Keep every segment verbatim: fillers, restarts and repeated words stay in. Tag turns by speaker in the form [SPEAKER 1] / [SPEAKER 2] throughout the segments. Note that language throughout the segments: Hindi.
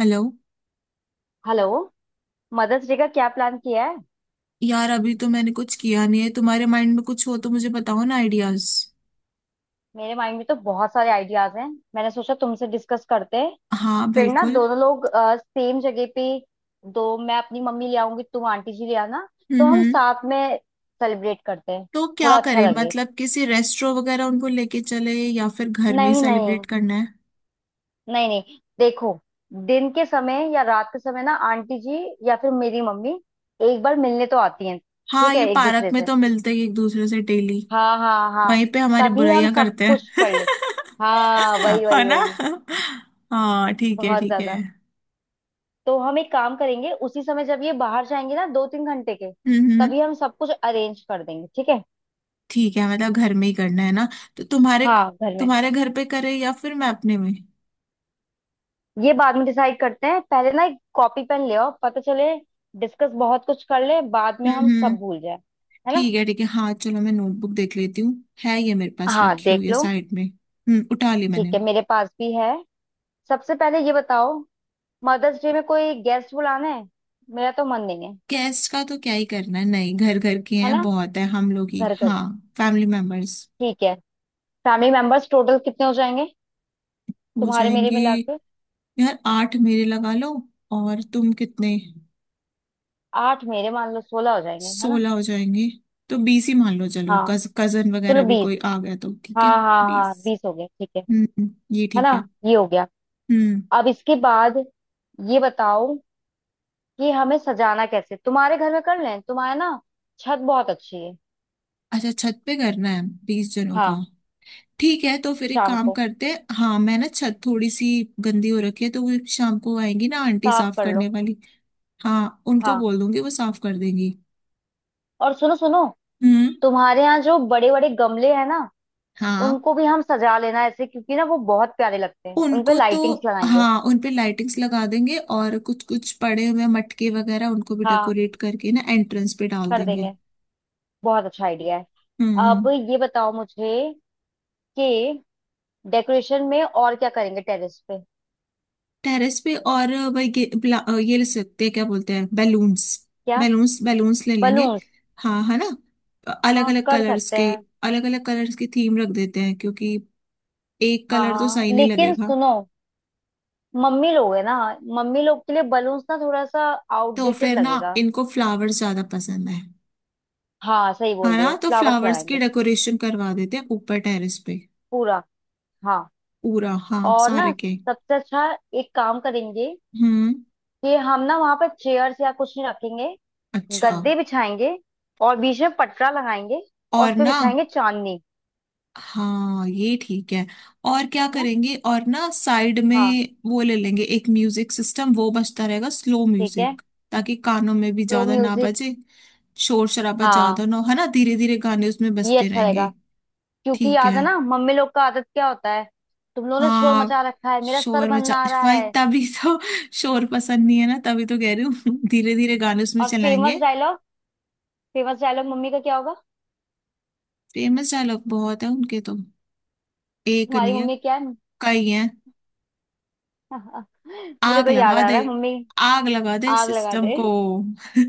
[SPEAKER 1] हेलो।
[SPEAKER 2] हेलो। मदर्स डे का क्या प्लान किया है?
[SPEAKER 1] यार अभी तो मैंने कुछ किया नहीं है, तुम्हारे माइंड में कुछ हो तो मुझे बताओ ना, आइडियाज।
[SPEAKER 2] मेरे माइंड में तो बहुत सारे आइडियाज हैं। मैंने सोचा तुमसे डिस्कस करते हैं।
[SPEAKER 1] हाँ
[SPEAKER 2] फिर ना
[SPEAKER 1] बिल्कुल।
[SPEAKER 2] दोनों लोग सेम जगह पे। दो, मैं अपनी मम्मी ले आऊंगी, तुम आंटी जी ले आना। तो
[SPEAKER 1] हम्म
[SPEAKER 2] हम
[SPEAKER 1] हम्म।
[SPEAKER 2] साथ में सेलिब्रेट करते हैं।
[SPEAKER 1] तो क्या
[SPEAKER 2] थोड़ा अच्छा
[SPEAKER 1] करें,
[SPEAKER 2] लगे।
[SPEAKER 1] मतलब किसी रेस्टोरेंट वगैरह उनको लेके चले या फिर घर में ही
[SPEAKER 2] नहीं नहीं।
[SPEAKER 1] सेलिब्रेट करना है।
[SPEAKER 2] नहीं नहीं। देखो। दिन के समय या रात के समय ना आंटी जी या फिर मेरी मम्मी एक बार मिलने तो आती हैं,
[SPEAKER 1] हाँ,
[SPEAKER 2] ठीक
[SPEAKER 1] ये
[SPEAKER 2] है, एक
[SPEAKER 1] पार्क
[SPEAKER 2] दूसरे
[SPEAKER 1] में
[SPEAKER 2] से।
[SPEAKER 1] तो मिलते ही एक दूसरे से डेली।
[SPEAKER 2] हाँ हाँ हाँ।
[SPEAKER 1] वहीं पे हमारी
[SPEAKER 2] तभी हम
[SPEAKER 1] बुराइयां
[SPEAKER 2] सब
[SPEAKER 1] करते
[SPEAKER 2] कुछ
[SPEAKER 1] हैं।
[SPEAKER 2] कर ले। हाँ वही
[SPEAKER 1] है
[SPEAKER 2] वही
[SPEAKER 1] ना।
[SPEAKER 2] वही।
[SPEAKER 1] हाँ ठीक है
[SPEAKER 2] बहुत
[SPEAKER 1] ठीक
[SPEAKER 2] ज्यादा।
[SPEAKER 1] है।
[SPEAKER 2] तो हम एक काम करेंगे उसी समय जब ये बाहर जाएंगे ना दो तीन घंटे के।
[SPEAKER 1] हम्म हम्म।
[SPEAKER 2] तभी हम सब कुछ अरेंज कर देंगे, ठीक है।
[SPEAKER 1] ठीक है, मतलब घर में ही करना है ना, तो तुम्हारे
[SPEAKER 2] हाँ घर में।
[SPEAKER 1] तुम्हारे घर पे करे या फिर मैं अपने में।
[SPEAKER 2] ये बाद में डिसाइड करते हैं, पहले ना एक कॉपी पेन ले आओ, पता चले। डिस्कस बहुत कुछ कर ले, बाद में
[SPEAKER 1] हम्म
[SPEAKER 2] हम
[SPEAKER 1] हम्म।
[SPEAKER 2] सब भूल जाए। है ना।
[SPEAKER 1] ठीक है ठीक है, हाँ चलो मैं नोटबुक देख लेती हूँ, है ये मेरे पास
[SPEAKER 2] हाँ
[SPEAKER 1] रखी
[SPEAKER 2] देख
[SPEAKER 1] हुई है
[SPEAKER 2] लो।
[SPEAKER 1] साइड में, हम्म उठा ली मैंने।
[SPEAKER 2] ठीक है, मेरे पास भी है। सबसे पहले ये बताओ, मदर्स डे में कोई गेस्ट बुलाना है? मेरा तो मन नहीं है।
[SPEAKER 1] गेस्ट का तो क्या ही करना है, नहीं, घर घर के
[SPEAKER 2] है
[SPEAKER 1] हैं,
[SPEAKER 2] ना।
[SPEAKER 1] बहुत है हम लोग ही,
[SPEAKER 2] घर घर।
[SPEAKER 1] हाँ फैमिली मेंबर्स।
[SPEAKER 2] ठीक है। फैमिली मेंबर्स टोटल कितने हो जाएंगे?
[SPEAKER 1] हो
[SPEAKER 2] तुम्हारे मेरे
[SPEAKER 1] जाएंगे,
[SPEAKER 2] मिला।
[SPEAKER 1] यार आठ मेरे लगा लो। और तुम कितने।
[SPEAKER 2] आठ मेरे मान लो, सोलह हो जाएंगे है ना।
[SPEAKER 1] सोलह हो जाएंगे। तो बीस ही मान लो, चलो
[SPEAKER 2] हाँ
[SPEAKER 1] कज, कजन
[SPEAKER 2] चलो
[SPEAKER 1] वगैरह भी
[SPEAKER 2] बीस।
[SPEAKER 1] कोई आ गया तो ठीक है।
[SPEAKER 2] हाँ हाँ हाँ
[SPEAKER 1] बीस।
[SPEAKER 2] बीस हो गए, ठीक है।
[SPEAKER 1] हम्म, ये
[SPEAKER 2] है
[SPEAKER 1] ठीक
[SPEAKER 2] ना।
[SPEAKER 1] है।
[SPEAKER 2] ये हो गया।
[SPEAKER 1] हम्म।
[SPEAKER 2] अब इसके बाद ये बताओ कि हमें सजाना कैसे। तुम्हारे घर में कर लें, तुम्हारे ना छत बहुत अच्छी है।
[SPEAKER 1] अच्छा, छत पे करना है बीस जनों का।
[SPEAKER 2] हाँ
[SPEAKER 1] ठीक है, तो फिर एक
[SPEAKER 2] शाम
[SPEAKER 1] काम
[SPEAKER 2] को
[SPEAKER 1] करते हैं, हाँ मैं ना छत थोड़ी सी गंदी हो रखी है, तो वो शाम को आएंगी ना आंटी
[SPEAKER 2] साफ
[SPEAKER 1] साफ
[SPEAKER 2] कर लो।
[SPEAKER 1] करने वाली। हाँ उनको
[SPEAKER 2] हाँ
[SPEAKER 1] बोल दूंगी वो साफ कर देंगी।
[SPEAKER 2] और सुनो सुनो,
[SPEAKER 1] हम्म।
[SPEAKER 2] तुम्हारे यहाँ जो बड़े बड़े गमले हैं ना
[SPEAKER 1] हाँ
[SPEAKER 2] उनको भी हम सजा लेना ऐसे, क्योंकि ना वो बहुत प्यारे लगते हैं, उनपे
[SPEAKER 1] उनको तो,
[SPEAKER 2] लाइटिंग्स लगाएंगे।
[SPEAKER 1] हाँ उन पे लाइटिंग्स लगा देंगे और कुछ कुछ पड़े हुए मटके वगैरह उनको भी
[SPEAKER 2] हाँ
[SPEAKER 1] डेकोरेट करके ना एंट्रेंस पे डाल
[SPEAKER 2] कर
[SPEAKER 1] देंगे।
[SPEAKER 2] देंगे। बहुत अच्छा आइडिया है।
[SPEAKER 1] हम्म
[SPEAKER 2] अब
[SPEAKER 1] हम्म।
[SPEAKER 2] ये बताओ मुझे कि डेकोरेशन में और क्या करेंगे टेरेस पे?
[SPEAKER 1] टेरेस पे और वही गे- ब्ला- अ, ये ले सकते हैं, क्या बोलते हैं, बैलून्स।
[SPEAKER 2] क्या?
[SPEAKER 1] बैलून्स बैलून्स ले लेंगे।
[SPEAKER 2] बलून्स?
[SPEAKER 1] हाँ है ना, अलग
[SPEAKER 2] हाँ
[SPEAKER 1] अलग
[SPEAKER 2] कर
[SPEAKER 1] कलर्स
[SPEAKER 2] सकते
[SPEAKER 1] के।
[SPEAKER 2] हैं।
[SPEAKER 1] अलग अलग कलर्स की थीम रख देते हैं, क्योंकि एक
[SPEAKER 2] हाँ
[SPEAKER 1] कलर तो
[SPEAKER 2] हाँ
[SPEAKER 1] सही नहीं
[SPEAKER 2] लेकिन
[SPEAKER 1] लगेगा।
[SPEAKER 2] सुनो, मम्मी लोग है ना, मम्मी लोग के लिए बलून्स ना थोड़ा सा
[SPEAKER 1] तो
[SPEAKER 2] आउटडेटेड
[SPEAKER 1] फिर ना
[SPEAKER 2] लगेगा।
[SPEAKER 1] इनको फ्लावर्स ज्यादा पसंद है।
[SPEAKER 2] हाँ सही बोल
[SPEAKER 1] हाँ
[SPEAKER 2] रही हो,
[SPEAKER 1] ना, तो
[SPEAKER 2] फ्लावर्स
[SPEAKER 1] फ्लावर्स की
[SPEAKER 2] लगाएंगे।
[SPEAKER 1] डेकोरेशन करवा देते हैं ऊपर टेरेस पे।
[SPEAKER 2] पूरा, हाँ।
[SPEAKER 1] पूरा हाँ
[SPEAKER 2] और ना,
[SPEAKER 1] सारे के।
[SPEAKER 2] सबसे अच्छा एक काम करेंगे
[SPEAKER 1] हम्म।
[SPEAKER 2] कि हम ना वहां पर चेयर्स या कुछ नहीं रखेंगे।
[SPEAKER 1] अच्छा।
[SPEAKER 2] गद्दे बिछाएंगे और बीच में पटरा लगाएंगे। और उस
[SPEAKER 1] और
[SPEAKER 2] पे
[SPEAKER 1] ना,
[SPEAKER 2] बिछाएंगे चांदनी।
[SPEAKER 1] हाँ ये ठीक है। और क्या
[SPEAKER 2] है ना।
[SPEAKER 1] करेंगे, और ना साइड में
[SPEAKER 2] हाँ
[SPEAKER 1] वो ले लेंगे एक म्यूजिक सिस्टम, वो बजता रहेगा स्लो
[SPEAKER 2] ठीक है।
[SPEAKER 1] म्यूजिक, ताकि कानों में भी
[SPEAKER 2] स्लो
[SPEAKER 1] ज्यादा ना
[SPEAKER 2] म्यूजिक।
[SPEAKER 1] बजे, शोर शराबा ज्यादा
[SPEAKER 2] हाँ
[SPEAKER 1] ना हो, है ना, धीरे धीरे गाने उसमें
[SPEAKER 2] ये
[SPEAKER 1] बजते
[SPEAKER 2] अच्छा रहेगा,
[SPEAKER 1] रहेंगे।
[SPEAKER 2] क्योंकि
[SPEAKER 1] ठीक
[SPEAKER 2] याद है
[SPEAKER 1] है।
[SPEAKER 2] ना मम्मी लोग का आदत क्या होता है। तुम लोगों ने शोर
[SPEAKER 1] हाँ।
[SPEAKER 2] मचा रखा है, मेरा सर
[SPEAKER 1] शोर मचा,
[SPEAKER 2] भन्ना आ रहा
[SPEAKER 1] भाई
[SPEAKER 2] है।
[SPEAKER 1] तभी तो शोर पसंद नहीं है ना, तभी तो कह रही हूँ धीरे धीरे गाने उसमें
[SPEAKER 2] और फेमस
[SPEAKER 1] चलाएंगे।
[SPEAKER 2] डायलॉग। फेमस डायलॉग मम्मी का क्या होगा?
[SPEAKER 1] फेमस डायलॉग बहुत है उनके तो, एक
[SPEAKER 2] तुम्हारी
[SPEAKER 1] नहीं है,
[SPEAKER 2] मम्मी क्या है?
[SPEAKER 1] कई हैं।
[SPEAKER 2] मुझे
[SPEAKER 1] आग
[SPEAKER 2] तो याद
[SPEAKER 1] लगा
[SPEAKER 2] आ
[SPEAKER 1] दे,
[SPEAKER 2] रहा है, मम्मी
[SPEAKER 1] आग लगा दे इस
[SPEAKER 2] आग लगा
[SPEAKER 1] सिस्टम
[SPEAKER 2] दे।
[SPEAKER 1] को।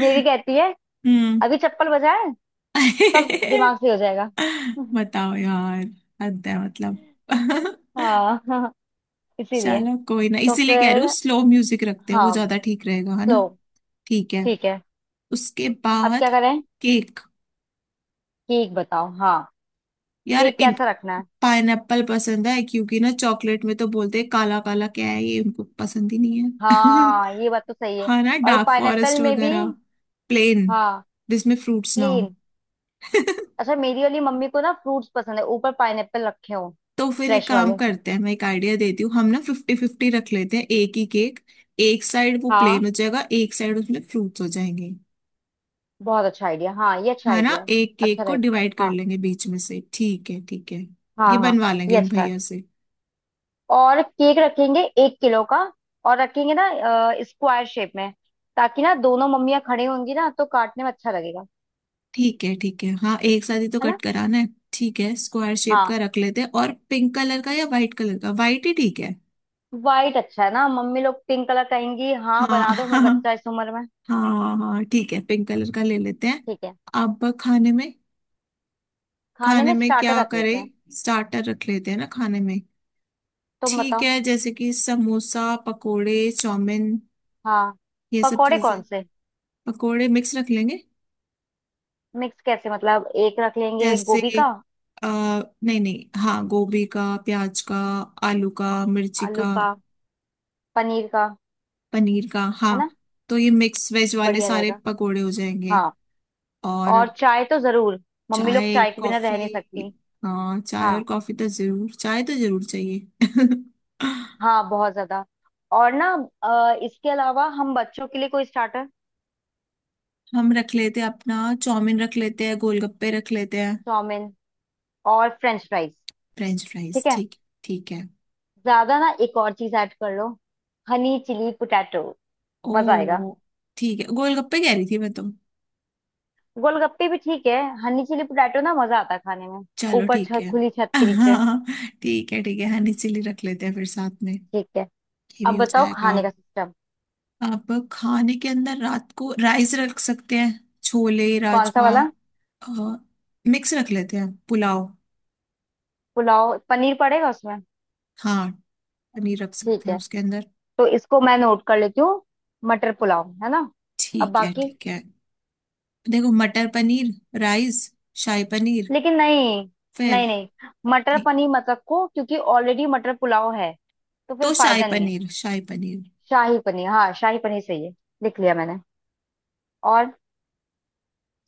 [SPEAKER 2] मेरी कहती है,
[SPEAKER 1] हम्म।
[SPEAKER 2] अभी चप्पल बजाए, सब दिमाग से हो जाएगा।
[SPEAKER 1] बताओ यार, हद है मतलब।
[SPEAKER 2] हाँ हाँ इसीलिए।
[SPEAKER 1] चलो कोई ना,
[SPEAKER 2] तो
[SPEAKER 1] इसीलिए कह रही
[SPEAKER 2] फिर
[SPEAKER 1] हूँ स्लो म्यूजिक रखते हैं, वो
[SPEAKER 2] हाँ।
[SPEAKER 1] ज्यादा ठीक रहेगा है ना।
[SPEAKER 2] सो
[SPEAKER 1] ठीक है।
[SPEAKER 2] ठीक है।
[SPEAKER 1] उसके
[SPEAKER 2] अब
[SPEAKER 1] बाद
[SPEAKER 2] क्या करें।
[SPEAKER 1] केक।
[SPEAKER 2] केक बताओ, हाँ।
[SPEAKER 1] यार
[SPEAKER 2] केक
[SPEAKER 1] इन
[SPEAKER 2] कैसा रखना है?
[SPEAKER 1] पाइनएप्पल पसंद है, क्योंकि ना चॉकलेट में तो बोलते हैं काला काला क्या है ये, उनको पसंद ही नहीं है।
[SPEAKER 2] हाँ ये बात तो सही है।
[SPEAKER 1] हाँ ना,
[SPEAKER 2] और
[SPEAKER 1] डार्क
[SPEAKER 2] पाइनएप्पल
[SPEAKER 1] फॉरेस्ट
[SPEAKER 2] में भी,
[SPEAKER 1] वगैरह। प्लेन,
[SPEAKER 2] हाँ,
[SPEAKER 1] जिसमें फ्रूट्स ना हो।
[SPEAKER 2] प्लेन। अच्छा, मेरी वाली मम्मी को ना फ्रूट्स पसंद है, ऊपर पाइनएप्पल रखे हो,
[SPEAKER 1] तो फिर एक
[SPEAKER 2] फ्रेश
[SPEAKER 1] काम
[SPEAKER 2] वाले।
[SPEAKER 1] करते हैं, मैं एक आइडिया देती हूँ, हम ना फिफ्टी फिफ्टी रख लेते हैं, एक ही केक। एक साइड वो
[SPEAKER 2] हाँ
[SPEAKER 1] प्लेन हो जाएगा, एक साइड उसमें फ्रूट्स हो जाएंगे।
[SPEAKER 2] बहुत अच्छा आइडिया। हाँ ये अच्छा
[SPEAKER 1] हाँ ना,
[SPEAKER 2] आइडिया है।
[SPEAKER 1] एक केक
[SPEAKER 2] अच्छा
[SPEAKER 1] को
[SPEAKER 2] रहेगा।
[SPEAKER 1] डिवाइड कर
[SPEAKER 2] हाँ
[SPEAKER 1] लेंगे बीच में से, ठीक है ठीक है।
[SPEAKER 2] हाँ
[SPEAKER 1] ये
[SPEAKER 2] हाँ
[SPEAKER 1] बनवा
[SPEAKER 2] ये
[SPEAKER 1] लेंगे उन
[SPEAKER 2] अच्छा है।
[SPEAKER 1] भैया से।
[SPEAKER 2] और केक रखेंगे एक किलो का। और रखेंगे ना स्क्वायर शेप में, ताकि ना दोनों मम्मियाँ खड़ी होंगी ना तो काटने में अच्छा लगेगा।
[SPEAKER 1] ठीक है ठीक है, हाँ एक साथ ही तो
[SPEAKER 2] है ना।
[SPEAKER 1] कट कराना है। ठीक है, स्क्वायर शेप
[SPEAKER 2] हाँ
[SPEAKER 1] का रख लेते हैं, और पिंक कलर का या वाइट कलर का, वाइट ही ठीक है।
[SPEAKER 2] वाइट अच्छा है ना, मम्मी लोग पिंक कलर कहेंगी, हाँ
[SPEAKER 1] हाँ।
[SPEAKER 2] बना दो हमें, बच्चा है इस उम्र में।
[SPEAKER 1] हाँ हाँ, ठीक है पिंक कलर का ले लेते हैं।
[SPEAKER 2] ठीक है।
[SPEAKER 1] अब खाने में,
[SPEAKER 2] खाने
[SPEAKER 1] खाने
[SPEAKER 2] में
[SPEAKER 1] में
[SPEAKER 2] स्टार्टर
[SPEAKER 1] क्या
[SPEAKER 2] रख
[SPEAKER 1] करें,
[SPEAKER 2] लेते हैं।
[SPEAKER 1] स्टार्टर रख लेते हैं ना खाने में।
[SPEAKER 2] तुम
[SPEAKER 1] ठीक
[SPEAKER 2] बताओ।
[SPEAKER 1] है, जैसे कि समोसा पकोड़े, चाउमीन,
[SPEAKER 2] हाँ
[SPEAKER 1] ये सब
[SPEAKER 2] पकौड़े
[SPEAKER 1] चीजें।
[SPEAKER 2] कौन से?
[SPEAKER 1] पकोड़े मिक्स रख लेंगे।
[SPEAKER 2] मिक्स कैसे मतलब, एक रख लेंगे
[SPEAKER 1] जैसे
[SPEAKER 2] गोभी का,
[SPEAKER 1] आ, नहीं नहीं, हाँ गोभी का, प्याज का, आलू का, मिर्ची
[SPEAKER 2] आलू
[SPEAKER 1] का।
[SPEAKER 2] का, पनीर का,
[SPEAKER 1] पनीर का, हाँ।
[SPEAKER 2] है ना।
[SPEAKER 1] तो ये मिक्स वेज वाले
[SPEAKER 2] बढ़िया
[SPEAKER 1] सारे
[SPEAKER 2] रहेगा।
[SPEAKER 1] पकोड़े हो जाएंगे।
[SPEAKER 2] हाँ
[SPEAKER 1] और
[SPEAKER 2] और चाय तो जरूर, मम्मी लोग
[SPEAKER 1] चाय
[SPEAKER 2] चाय के बिना
[SPEAKER 1] कॉफी,
[SPEAKER 2] रह नहीं सकती।
[SPEAKER 1] हाँ चाय और
[SPEAKER 2] हाँ
[SPEAKER 1] कॉफी तो जरूर, चाय तो जरूर चाहिए।
[SPEAKER 2] हाँ बहुत ज्यादा। और ना अ, इसके अलावा हम बच्चों के लिए कोई स्टार्टर।
[SPEAKER 1] हम रख लेते हैं अपना, चाउमीन रख लेते हैं, गोलगप्पे रख लेते हैं।
[SPEAKER 2] चाउमीन और फ्रेंच फ्राइज,
[SPEAKER 1] फ्रेंच फ्राइज
[SPEAKER 2] ठीक है।
[SPEAKER 1] ठीक। ठीक है।
[SPEAKER 2] ज्यादा ना एक और चीज ऐड कर लो, हनी चिली पोटैटो, मजा आएगा।
[SPEAKER 1] ओ, ठीक है, गोलगप्पे कह रही थी मैं तो।
[SPEAKER 2] गोलगप्पे भी ठीक है, हनी चिली पोटैटो ना मजा आता है खाने में,
[SPEAKER 1] चलो
[SPEAKER 2] ऊपर
[SPEAKER 1] ठीक
[SPEAKER 2] छत,
[SPEAKER 1] है।
[SPEAKER 2] खुली छत के नीचे।
[SPEAKER 1] हाँ ठीक है ठीक है,
[SPEAKER 2] हम्म,
[SPEAKER 1] हनी चिली रख लेते हैं फिर साथ में।
[SPEAKER 2] ठीक है।
[SPEAKER 1] ये
[SPEAKER 2] अब
[SPEAKER 1] भी हो
[SPEAKER 2] बताओ
[SPEAKER 1] जाएगा।
[SPEAKER 2] खाने का सिस्टम।
[SPEAKER 1] अब खाने के अंदर रात को राइस रख सकते हैं, छोले
[SPEAKER 2] कौन सा
[SPEAKER 1] राजमा।
[SPEAKER 2] वाला?
[SPEAKER 1] मिक्स रख लेते हैं पुलाव।
[SPEAKER 2] पुलाव, पनीर पड़ेगा उसमें।
[SPEAKER 1] हाँ, पनीर रख सकते
[SPEAKER 2] ठीक
[SPEAKER 1] हैं
[SPEAKER 2] है,
[SPEAKER 1] उसके अंदर।
[SPEAKER 2] तो इसको मैं नोट कर लेती हूँ। मटर पुलाव, है ना। अब
[SPEAKER 1] ठीक है
[SPEAKER 2] बाकी।
[SPEAKER 1] ठीक है। देखो मटर पनीर राइस, शाही पनीर।
[SPEAKER 2] लेकिन नहीं।
[SPEAKER 1] फिर,
[SPEAKER 2] नहीं नहीं, मटर
[SPEAKER 1] ठीक,
[SPEAKER 2] पनीर मत रखो क्योंकि ऑलरेडी मटर पुलाव है। तो फिर
[SPEAKER 1] तो शाही
[SPEAKER 2] फायदा नहीं है।
[SPEAKER 1] पनीर, शाही पनीर।
[SPEAKER 2] शाही पनीर हाँ, शाही पनीर सही है। लिख लिया मैंने। और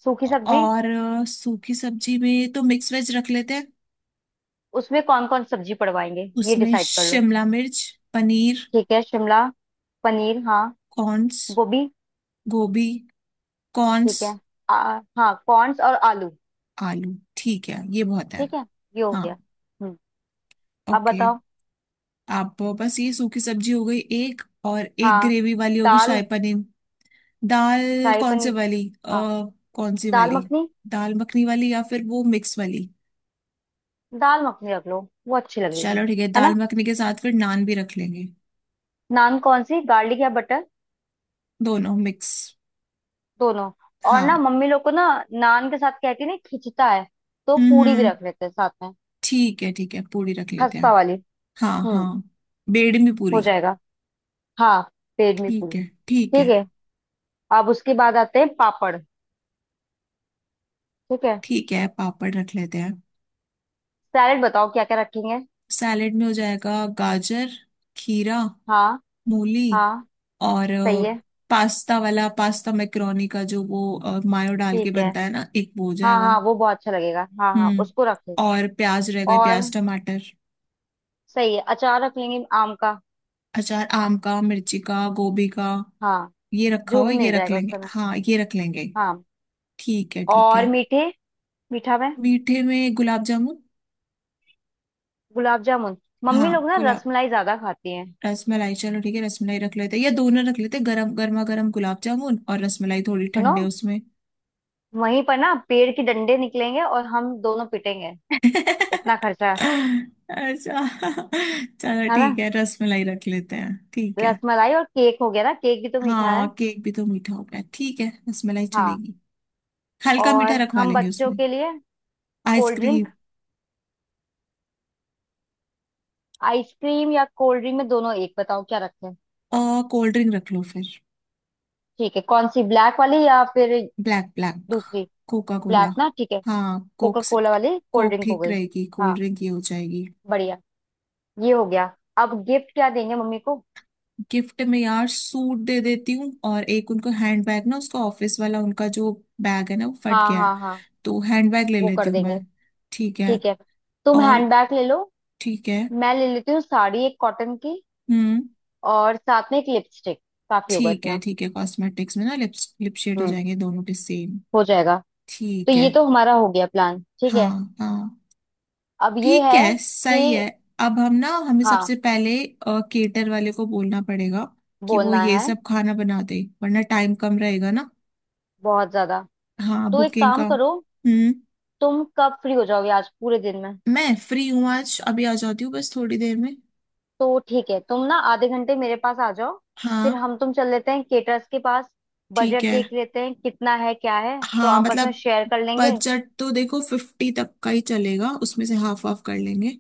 [SPEAKER 2] सूखी सब्जी।
[SPEAKER 1] और अ, सूखी सब्जी में तो मिक्स वेज रख लेते हैं।
[SPEAKER 2] उसमें कौन कौन सब्जी पड़वाएंगे? ये
[SPEAKER 1] उसमें
[SPEAKER 2] डिसाइड कर लो।
[SPEAKER 1] शिमला मिर्च, पनीर,
[SPEAKER 2] ठीक है शिमला, पनीर हाँ,
[SPEAKER 1] कॉर्न्स,
[SPEAKER 2] गोभी,
[SPEAKER 1] गोभी, कॉर्न्स,
[SPEAKER 2] ठीक है। आ, हाँ कॉर्न्स और आलू।
[SPEAKER 1] आलू ठीक है, ये बहुत है।
[SPEAKER 2] ठीक है, ये हो
[SPEAKER 1] हाँ।
[SPEAKER 2] गया। हम्म। अब
[SPEAKER 1] ओके।
[SPEAKER 2] बताओ।
[SPEAKER 1] आप बस, ये सूखी सब्जी हो गई, एक और एक
[SPEAKER 2] हाँ
[SPEAKER 1] ग्रेवी वाली होगी शाही
[SPEAKER 2] दाल।
[SPEAKER 1] पनीर, दाल।
[SPEAKER 2] शाही
[SPEAKER 1] कौन सी
[SPEAKER 2] पनीर।
[SPEAKER 1] वाली अ,
[SPEAKER 2] हाँ
[SPEAKER 1] कौन सी
[SPEAKER 2] दाल
[SPEAKER 1] वाली,
[SPEAKER 2] मखनी।
[SPEAKER 1] दाल मखनी वाली या फिर वो मिक्स वाली।
[SPEAKER 2] दाल मखनी रख लो, वो अच्छी लगेगी।
[SPEAKER 1] चलो ठीक है,
[SPEAKER 2] है
[SPEAKER 1] दाल
[SPEAKER 2] ना।
[SPEAKER 1] मखनी के साथ फिर नान भी रख लेंगे।
[SPEAKER 2] नान कौन सी, गार्लिक या बटर?
[SPEAKER 1] दोनों मिक्स,
[SPEAKER 2] दोनों। और ना
[SPEAKER 1] हाँ।
[SPEAKER 2] मम्मी लोग को ना नान के साथ कहती है ना खिंचता है, तो
[SPEAKER 1] हम्म
[SPEAKER 2] पूरी भी
[SPEAKER 1] हम्म,
[SPEAKER 2] रख लेते हैं साथ में।
[SPEAKER 1] ठीक है ठीक है पूरी रख लेते हैं।
[SPEAKER 2] खस्ता वाली।
[SPEAKER 1] हाँ
[SPEAKER 2] हम्म।
[SPEAKER 1] हाँ, बेड़मी
[SPEAKER 2] हो
[SPEAKER 1] पूरी।
[SPEAKER 2] जाएगा। हाँ पेट में
[SPEAKER 1] ठीक
[SPEAKER 2] पूरी
[SPEAKER 1] है ठीक
[SPEAKER 2] ठीक
[SPEAKER 1] है।
[SPEAKER 2] है। अब उसके बाद आते हैं पापड़। ठीक है।
[SPEAKER 1] ठीक है पापड़ रख लेते हैं।
[SPEAKER 2] सैलेड बताओ क्या क्या रखेंगे।
[SPEAKER 1] सैलेड में हो जाएगा गाजर, खीरा,
[SPEAKER 2] हाँ
[SPEAKER 1] मूली,
[SPEAKER 2] हाँ
[SPEAKER 1] और
[SPEAKER 2] सही
[SPEAKER 1] अ,
[SPEAKER 2] है।
[SPEAKER 1] पास्ता वाला, पास्ता मैक्रोनी का जो वो अ, मायो डाल के
[SPEAKER 2] ठीक है
[SPEAKER 1] बनता है ना, एक वो हो
[SPEAKER 2] हाँ
[SPEAKER 1] जाएगा।
[SPEAKER 2] हाँ वो बहुत अच्छा लगेगा, हाँ हाँ
[SPEAKER 1] हम्म।
[SPEAKER 2] उसको रखें।
[SPEAKER 1] और प्याज रह गए,
[SPEAKER 2] और
[SPEAKER 1] प्याज टमाटर।
[SPEAKER 2] सही है, अचार रख लेंगे आम का।
[SPEAKER 1] अचार आम का, मिर्ची का, गोभी का,
[SPEAKER 2] हाँ
[SPEAKER 1] ये रखा
[SPEAKER 2] जो
[SPEAKER 1] हुआ
[SPEAKER 2] भी
[SPEAKER 1] है, ये
[SPEAKER 2] मिल
[SPEAKER 1] रख
[SPEAKER 2] जाएगा उस
[SPEAKER 1] लेंगे,
[SPEAKER 2] समय।
[SPEAKER 1] हाँ ये रख लेंगे।
[SPEAKER 2] हाँ
[SPEAKER 1] ठीक है ठीक
[SPEAKER 2] और
[SPEAKER 1] है।
[SPEAKER 2] मीठे, मीठा में
[SPEAKER 1] मीठे में गुलाब जामुन।
[SPEAKER 2] गुलाब जामुन। मम्मी
[SPEAKER 1] हाँ
[SPEAKER 2] लोग ना
[SPEAKER 1] गुलाब,
[SPEAKER 2] रसमलाई ज्यादा खाती हैं।
[SPEAKER 1] रसमलाई चलो ठीक है, रसमलाई रख लेते हैं, या दोनों रख लेते हैं, गरम गर्मा गर्म गुलाब जामुन और रसमलाई थोड़ी
[SPEAKER 2] सुनो,
[SPEAKER 1] ठंडे उसमें।
[SPEAKER 2] वहीं पर ना पेड़ के डंडे निकलेंगे और हम दोनों पिटेंगे। इतना खर्चा।
[SPEAKER 1] अच्छा, चलो
[SPEAKER 2] है
[SPEAKER 1] ठीक
[SPEAKER 2] ना,
[SPEAKER 1] है रसमलाई रख लेते हैं, ठीक है।
[SPEAKER 2] रसमलाई और केक हो गया ना, केक भी तो मीठा
[SPEAKER 1] हाँ
[SPEAKER 2] है।
[SPEAKER 1] केक भी तो मीठा हो गया, ठीक है रसमलाई
[SPEAKER 2] हाँ।
[SPEAKER 1] चलेगी। हल्का मीठा
[SPEAKER 2] और
[SPEAKER 1] रखवा
[SPEAKER 2] हम
[SPEAKER 1] लेंगे
[SPEAKER 2] बच्चों
[SPEAKER 1] उसमें।
[SPEAKER 2] के लिए कोल्ड
[SPEAKER 1] आइसक्रीम
[SPEAKER 2] ड्रिंक। आइसक्रीम या कोल्ड ड्रिंक में दोनों, एक बताओ क्या रखें।
[SPEAKER 1] और कोल्ड ड्रिंक रख लो फिर।
[SPEAKER 2] ठीक है कौन सी, ब्लैक वाली या फिर
[SPEAKER 1] ब्लैक ब्लैक,
[SPEAKER 2] दूसरी।
[SPEAKER 1] Coca cola.
[SPEAKER 2] ब्लैक ना ठीक है।
[SPEAKER 1] हाँ
[SPEAKER 2] कोका
[SPEAKER 1] कोक से-
[SPEAKER 2] कोला वाली कोल्ड
[SPEAKER 1] कोक
[SPEAKER 2] ड्रिंक हो
[SPEAKER 1] ठीक
[SPEAKER 2] गई।
[SPEAKER 1] रहेगी, कोल्ड
[SPEAKER 2] हाँ
[SPEAKER 1] ड्रिंक ये हो जाएगी।
[SPEAKER 2] बढ़िया। ये हो गया। अब गिफ्ट क्या देंगे मम्मी को?
[SPEAKER 1] गिफ्ट में यार सूट दे देती हूँ, और एक उनको हैंड बैग, ना उसका ऑफिस वाला उनका जो बैग है ना वो फट
[SPEAKER 2] हाँ
[SPEAKER 1] गया है,
[SPEAKER 2] हाँ हाँ,
[SPEAKER 1] तो हैंड बैग ले
[SPEAKER 2] वो
[SPEAKER 1] लेती
[SPEAKER 2] कर
[SPEAKER 1] हूँ मैं।
[SPEAKER 2] देंगे।
[SPEAKER 1] ठीक है।
[SPEAKER 2] ठीक है, तुम
[SPEAKER 1] और,
[SPEAKER 2] हैंडबैग ले लो।
[SPEAKER 1] ठीक है।
[SPEAKER 2] मैं ले लेती हूँ साड़ी एक कॉटन की
[SPEAKER 1] हम्म।
[SPEAKER 2] और साथ में एक लिपस्टिक। काफी होगा
[SPEAKER 1] ठीक है
[SPEAKER 2] इतना।
[SPEAKER 1] ठीक है, कॉस्मेटिक्स में ना लिप्स लिप शेड हो
[SPEAKER 2] हम्म।
[SPEAKER 1] जाएंगे दोनों के सेम।
[SPEAKER 2] हो जाएगा। तो
[SPEAKER 1] ठीक है।
[SPEAKER 2] ये तो हमारा हो गया प्लान, ठीक
[SPEAKER 1] हाँ
[SPEAKER 2] है।
[SPEAKER 1] हाँ।
[SPEAKER 2] अब ये
[SPEAKER 1] ठीक
[SPEAKER 2] है
[SPEAKER 1] है सही है।
[SPEAKER 2] कि
[SPEAKER 1] अब हम ना, हमें
[SPEAKER 2] हाँ
[SPEAKER 1] सबसे पहले केटर वाले को बोलना पड़ेगा, कि वो
[SPEAKER 2] बोलना
[SPEAKER 1] ये
[SPEAKER 2] है
[SPEAKER 1] सब खाना बना दे वरना टाइम कम रहेगा ना।
[SPEAKER 2] बहुत ज्यादा।
[SPEAKER 1] हाँ
[SPEAKER 2] तो एक
[SPEAKER 1] बुकिंग
[SPEAKER 2] काम
[SPEAKER 1] का,
[SPEAKER 2] करो,
[SPEAKER 1] हम्म।
[SPEAKER 2] तुम कब फ्री हो जाओगे आज पूरे दिन में?
[SPEAKER 1] मैं फ्री हूँ आज, अभी आ जाती हूँ बस थोड़ी देर में।
[SPEAKER 2] तो ठीक है, तुम ना आधे घंटे मेरे पास आ जाओ। फिर
[SPEAKER 1] हाँ।
[SPEAKER 2] हम तुम चल लेते हैं केटर्स के पास,
[SPEAKER 1] ठीक
[SPEAKER 2] बजट
[SPEAKER 1] है,
[SPEAKER 2] देख लेते हैं कितना है क्या है तो
[SPEAKER 1] हाँ
[SPEAKER 2] आपस में
[SPEAKER 1] मतलब
[SPEAKER 2] शेयर कर लेंगे।
[SPEAKER 1] बजट तो देखो फिफ्टी तक का ही चलेगा, उसमें से हाफ हाफ कर लेंगे।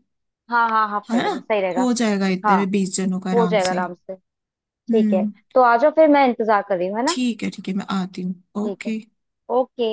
[SPEAKER 2] हाँ हाँ हाफ
[SPEAKER 1] है
[SPEAKER 2] कर
[SPEAKER 1] ना,
[SPEAKER 2] लेंगे, सही रहेगा।
[SPEAKER 1] हो जाएगा इतने
[SPEAKER 2] हाँ
[SPEAKER 1] में बीस जनों का
[SPEAKER 2] हो
[SPEAKER 1] आराम
[SPEAKER 2] जाएगा
[SPEAKER 1] से।
[SPEAKER 2] आराम से। ठीक है।
[SPEAKER 1] हम्म।
[SPEAKER 2] तो आ जाओ, फिर मैं इंतजार कर रही हूँ, है ना।
[SPEAKER 1] ठीक है ठीक है, मैं आती हूँ।
[SPEAKER 2] ठीक है।
[SPEAKER 1] ओके।
[SPEAKER 2] ओके।